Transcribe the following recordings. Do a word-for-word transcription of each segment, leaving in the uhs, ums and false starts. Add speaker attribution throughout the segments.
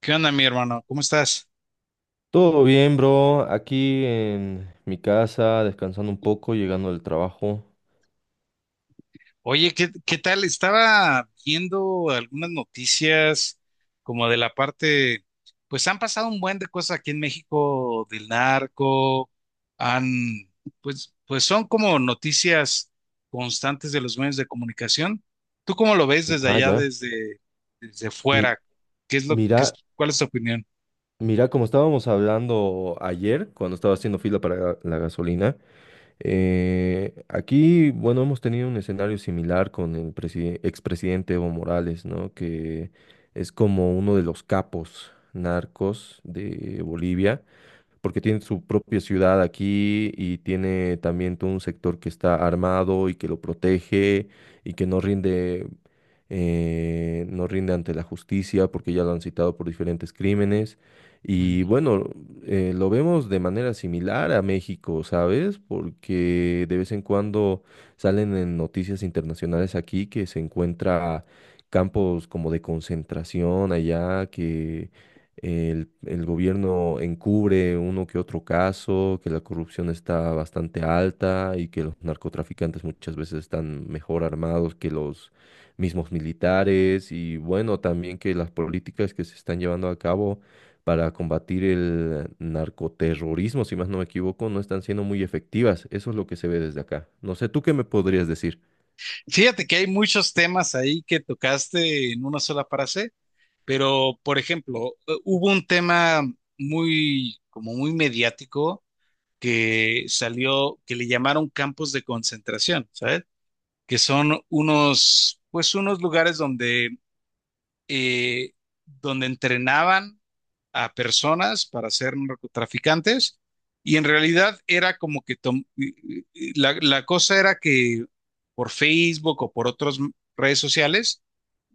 Speaker 1: ¿Qué onda, mi hermano? ¿Cómo estás?
Speaker 2: Todo bien, bro. Aquí en mi casa, descansando un poco, llegando del trabajo.
Speaker 1: Oye, ¿qué, qué tal? Estaba viendo algunas noticias como de la parte, pues han pasado un buen de cosas aquí en México del narco, han, pues, pues son como noticias constantes de los medios de comunicación. ¿Tú cómo lo ves desde
Speaker 2: Ah,
Speaker 1: allá,
Speaker 2: ya.
Speaker 1: desde, desde
Speaker 2: Mi-
Speaker 1: fuera? ¿Qué es lo, qué es,
Speaker 2: mira,
Speaker 1: cuál es tu opinión?
Speaker 2: mira, como estábamos hablando ayer, cuando estaba haciendo fila para la gasolina, Eh, aquí, bueno, hemos tenido un escenario similar con el preside- expresidente Evo Morales, ¿no? Que es como uno de los capos narcos de Bolivia, porque tiene su propia ciudad aquí y tiene también todo un sector que está armado y que lo protege y que no rinde, eh, no rinde ante la justicia porque ya lo han citado por diferentes crímenes. Y
Speaker 1: Ujú.
Speaker 2: bueno, eh, lo vemos de manera similar a México, ¿sabes? Porque de vez en cuando salen en noticias internacionales aquí que se encuentra campos como de concentración allá, que el, el gobierno encubre uno que otro caso, que la corrupción está bastante alta y que los narcotraficantes muchas veces están mejor armados que los mismos militares y bueno, también que las políticas que se están llevando a cabo para combatir el narcoterrorismo, si más no me equivoco, no están siendo muy efectivas. Eso es lo que se ve desde acá. No sé, ¿tú qué me podrías decir?
Speaker 1: Fíjate que hay muchos temas ahí que tocaste en una sola frase. Pero, por ejemplo, eh, hubo un tema muy, como muy mediático que salió, que le llamaron campos de concentración, ¿sabes? Que son unos, pues unos lugares donde, eh, donde entrenaban a personas para ser narcotraficantes, y en realidad era como que tom- la, la cosa era que por Facebook o por otras redes sociales,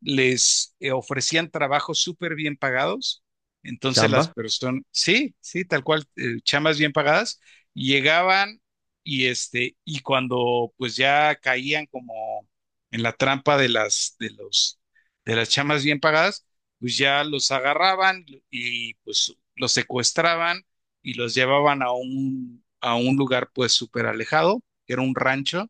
Speaker 1: les eh, ofrecían trabajos súper bien pagados. Entonces las
Speaker 2: Chamba,
Speaker 1: personas, sí, sí, tal cual, eh, chamas bien pagadas, llegaban y este, y cuando pues ya caían como en la trampa de las, de los, de las chamas bien pagadas, pues ya los agarraban y pues los secuestraban y los llevaban a un, a un lugar pues súper alejado, que era un rancho,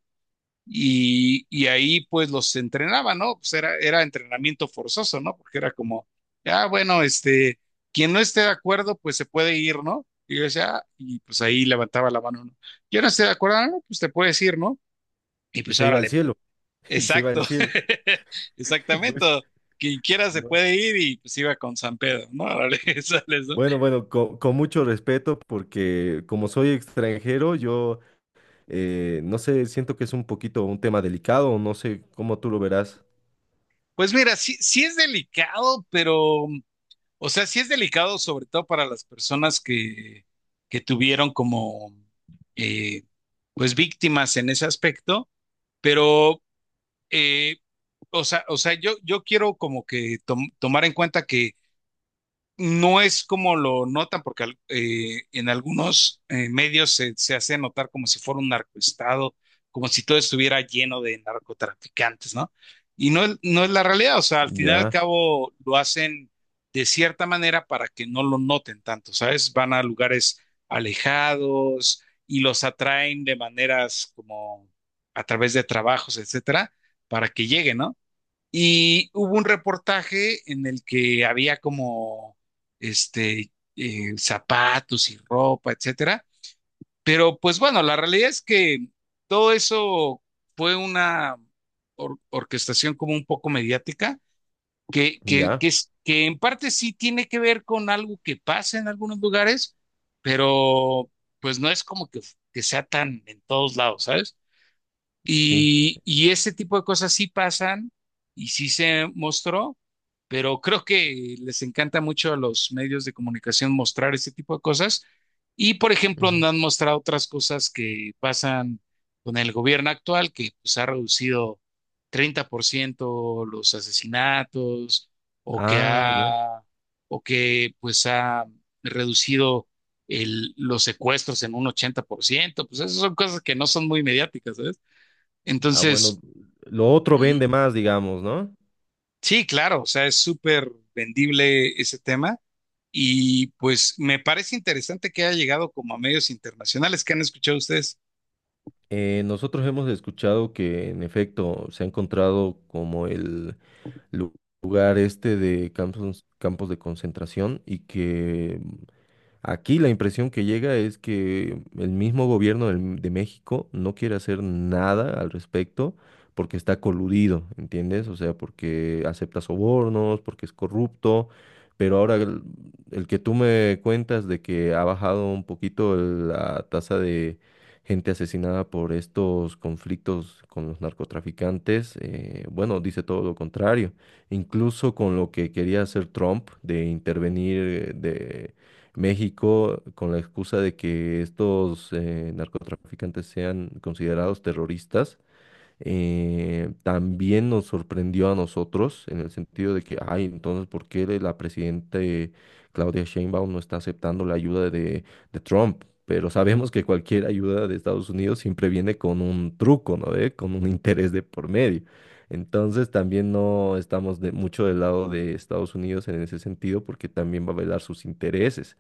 Speaker 1: y, y ahí pues los entrenaba, ¿no? Pues era, era entrenamiento forzoso, ¿no? Porque era como, ah, bueno, este, quien no esté de acuerdo, pues se puede ir, ¿no? Y yo decía, "Ah", y pues ahí levantaba la mano, ¿no? Yo no estoy de acuerdo. "Ah, no, pues te puedes ir, ¿no? Y
Speaker 2: y
Speaker 1: pues
Speaker 2: se iba al
Speaker 1: órale".
Speaker 2: cielo, y se iba
Speaker 1: Exacto,
Speaker 2: al cielo.
Speaker 1: exactamente,
Speaker 2: Pues,
Speaker 1: quien quiera se
Speaker 2: no.
Speaker 1: puede ir y pues iba con San Pedro, ¿no? Órale, sales, ¿no?
Speaker 2: Bueno, bueno, co- con, mucho respeto, porque como soy extranjero, yo eh, no sé, siento que es un poquito un tema delicado, no sé cómo tú lo verás.
Speaker 1: Pues mira, sí, sí es delicado, pero, O sea, sí es delicado, sobre todo para las personas que, que tuvieron como, eh, pues, víctimas en ese aspecto, pero, eh, o sea, o sea, yo, yo quiero como que tom- tomar en cuenta que no es como lo notan, porque eh, en algunos eh, medios se, se hace notar como si fuera un narcoestado, como si todo estuviera lleno de narcotraficantes, ¿no? Y no, es- no es la realidad. O sea, al final y al
Speaker 2: Ya.
Speaker 1: cabo lo hacen de cierta manera para que no lo noten tanto, ¿sabes? Van a lugares alejados y los atraen de maneras como a través de trabajos, etcétera, para que lleguen, ¿no? Y hubo un reportaje en el que había como este eh, zapatos y ropa, etcétera. Pero pues bueno, la realidad es que todo eso fue una or- orquestación como un poco mediática, que, que,
Speaker 2: Ya.
Speaker 1: que, es- que en parte sí tiene que ver con algo que pasa en algunos lugares, pero pues no es como que, que sea tan en todos lados, ¿sabes?
Speaker 2: Sí.
Speaker 1: Y, y ese tipo de cosas sí pasan y sí se mostró, pero creo que les encanta mucho a los medios de comunicación mostrar ese tipo de cosas. Y, por ejemplo,
Speaker 2: Ujú.
Speaker 1: no han mostrado otras cosas que pasan con el gobierno actual, que pues ha reducido treinta por ciento los asesinatos, o que
Speaker 2: Ah, ya.
Speaker 1: ha, o que pues ha reducido el- los secuestros en un ochenta por ciento. Pues esas son cosas que no son muy mediáticas, ¿eh?
Speaker 2: Ah,
Speaker 1: Entonces,
Speaker 2: bueno, lo otro
Speaker 1: Ujú,
Speaker 2: vende más, digamos, ¿no?
Speaker 1: sí, claro, o sea, es súper vendible ese tema y pues me parece interesante que haya llegado como a medios internacionales. ¿Qué han escuchado ustedes?
Speaker 2: Eh, nosotros hemos escuchado que en efecto se ha encontrado como el lu- lugar este de campos, campos de concentración y que aquí la impresión que llega es que el mismo gobierno del- de México no quiere hacer nada al respecto porque está coludido, ¿entiendes? O sea, porque acepta sobornos, porque es corrupto, pero ahora el, el que tú me cuentas de que ha bajado un poquito el- la tasa de gente asesinada por estos conflictos con los narcotraficantes, eh, bueno, dice todo lo contrario. Incluso con lo que quería hacer Trump de intervenir, eh, de México con la excusa de que estos eh, narcotraficantes sean considerados terroristas, eh, también nos sorprendió a nosotros en el sentido de que, ay, entonces, ¿por qué la presidenta Claudia Sheinbaum no está aceptando la ayuda de, de Trump? Pero sabemos que cualquier ayuda de Estados Unidos siempre viene con un truco, ¿no? ¿Ve? Con un interés de por medio. Entonces también no estamos de, mucho del lado de Estados Unidos en ese sentido porque también va a velar sus intereses.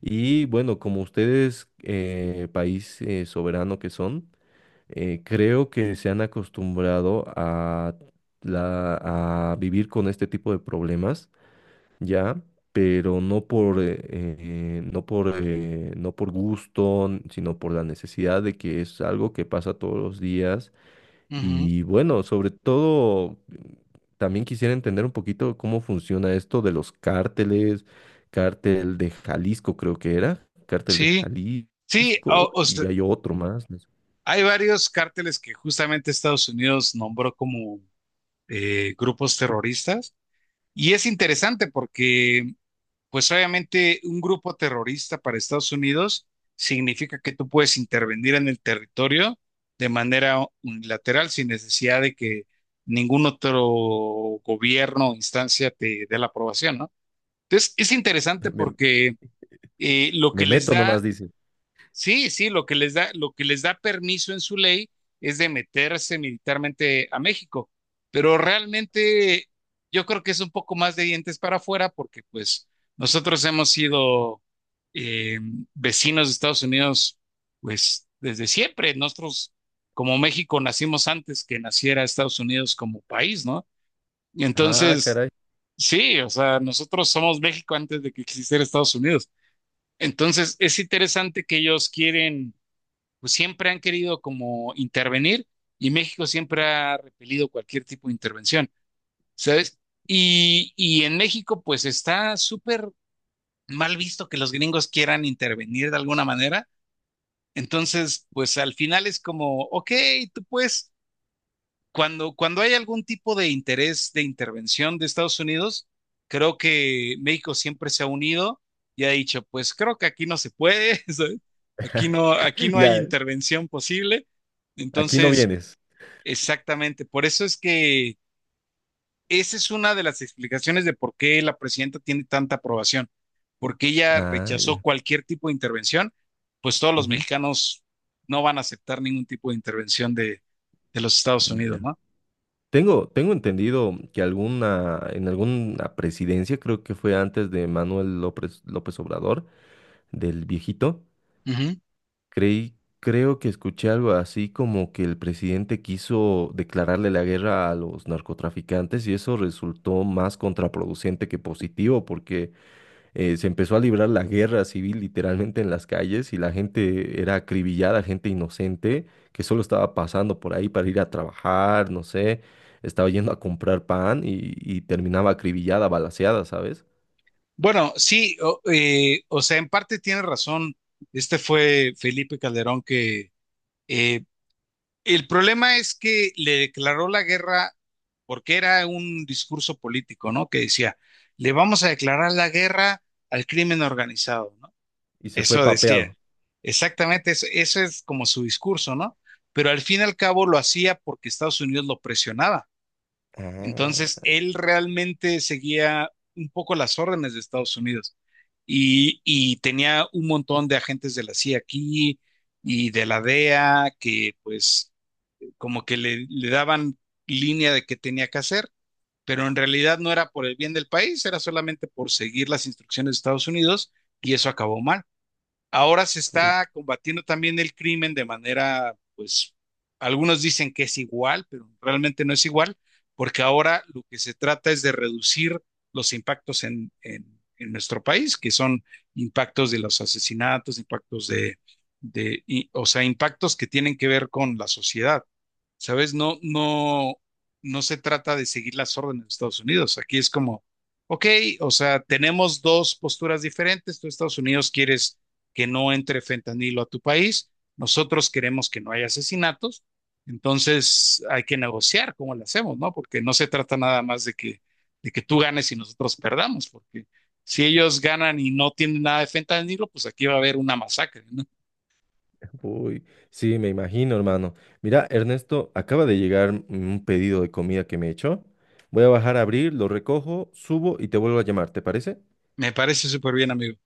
Speaker 2: Y bueno, como ustedes, eh, país eh, soberano que son, eh, creo que se han acostumbrado a, la- a vivir con este tipo de problemas ya, pero no por, eh, eh, no por, eh, no por gusto, sino por la necesidad de que es algo que pasa todos los días
Speaker 1: Ujú.
Speaker 2: y bueno, sobre todo, también quisiera entender un poquito cómo funciona esto de los cárteles, cártel de Jalisco creo que era, cártel de
Speaker 1: Sí, sí,
Speaker 2: Jalisco,
Speaker 1: o- o sea,
Speaker 2: y hay otro más. No sé.
Speaker 1: hay varios cárteles que justamente Estados Unidos nombró como eh, grupos terroristas, y es interesante porque pues obviamente un grupo terrorista para Estados Unidos significa que tú puedes intervenir en el territorio de manera unilateral sin necesidad de que ningún otro gobierno o instancia te dé la aprobación, ¿no? Entonces, es interesante
Speaker 2: Me,
Speaker 1: porque eh, lo
Speaker 2: me
Speaker 1: que les
Speaker 2: meto
Speaker 1: da
Speaker 2: nomás, dice.
Speaker 1: sí, sí, lo que les da, lo que les da permiso en su ley es de meterse militarmente a México, pero realmente yo creo que es un poco más de dientes para afuera, porque pues nosotros hemos sido eh, vecinos de Estados Unidos pues desde siempre. Nosotros como México nacimos antes que naciera Estados Unidos como país, ¿no? Y
Speaker 2: Ah,
Speaker 1: entonces,
Speaker 2: caray.
Speaker 1: sí, o sea, nosotros somos México antes de que existiera Estados Unidos. Entonces, es interesante que ellos quieren, pues siempre han querido como intervenir, y México siempre ha repelido cualquier tipo de intervención, ¿sabes? Y, y en México pues está súper mal visto que los gringos quieran intervenir de alguna manera. Entonces, pues al final es como, ok, tú puedes, cuando, cuando hay algún tipo de interés de intervención de Estados Unidos, creo que México siempre se ha unido y ha dicho, pues creo que aquí no se puede, ¿sabes? Aquí no, aquí no hay
Speaker 2: Ya,
Speaker 1: intervención posible.
Speaker 2: aquí no
Speaker 1: Entonces,
Speaker 2: vienes.
Speaker 1: exactamente, por eso es que esa es una de las explicaciones de por qué la presidenta tiene tanta aprobación, porque ella
Speaker 2: Ah, ya.
Speaker 1: rechazó cualquier tipo de intervención, pues todos los
Speaker 2: Ujú,
Speaker 1: mexicanos no van a aceptar ningún tipo de intervención de, de los Estados Unidos,
Speaker 2: ya.
Speaker 1: ¿no?
Speaker 2: Tengo, tengo entendido que alguna, en alguna presidencia, creo que fue antes de Manuel López, López Obrador, del viejito,
Speaker 1: Ujú.
Speaker 2: creí, creo que escuché algo así como que el presidente quiso declararle la guerra a los narcotraficantes y eso resultó más contraproducente que positivo, porque eh, se empezó a librar la guerra civil literalmente en las calles y la gente era acribillada, gente inocente que solo estaba pasando por ahí para ir a trabajar, no sé, estaba yendo a comprar pan y, y terminaba acribillada, balaceada, ¿sabes?
Speaker 1: Bueno, sí, o, eh, o sea, en parte tiene razón. Este fue Felipe Calderón que, eh, el problema es que le declaró la guerra porque era un discurso político, ¿no? Que decía, le vamos a declarar la guerra al crimen organizado, ¿no?
Speaker 2: Y se fue
Speaker 1: Eso decía.
Speaker 2: papeado.
Speaker 1: Exactamente, eso, eso es como su discurso, ¿no? Pero al fin y al cabo lo hacía porque Estados Unidos lo presionaba. Entonces,
Speaker 2: Ah,
Speaker 1: él realmente seguía un poco las órdenes de Estados Unidos, y, y, tenía un montón de agentes de la C I A aquí y de la D E A, que pues como que le, le daban línea de qué tenía que hacer, pero en realidad no era por el bien del país, era solamente por seguir las instrucciones de Estados Unidos, y eso acabó mal. Ahora se
Speaker 2: uy,
Speaker 1: está combatiendo también el crimen de manera, pues, algunos dicen que es igual, pero realmente no es igual, porque ahora lo que se trata es de reducir los impactos en, en- en nuestro país, que son impactos de los asesinatos, impactos de, de- y- o sea, impactos que tienen que ver con la sociedad. ¿Sabes? No, no, no se trata de seguir las órdenes de Estados Unidos. Aquí es como, ok, o sea, tenemos dos posturas diferentes. Tú, Estados Unidos, quieres que no entre fentanilo a tu país. Nosotros queremos que no haya asesinatos. Entonces hay que negociar cómo lo hacemos, ¿no? Porque no se trata nada más de que, de que tú ganes y nosotros perdamos, porque si ellos ganan y no tienen nada de fentanilo, pues aquí va a haber una masacre, ¿no?
Speaker 2: uy. Sí, me imagino, hermano. Mira, Ernesto, acaba de llegar un pedido de comida que me he hecho. Voy a bajar a abrir, lo recojo, subo y te vuelvo a llamar, ¿te parece?
Speaker 1: Me parece súper bien, amigo.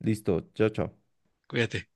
Speaker 2: Listo, chao, chao.
Speaker 1: Cuídate.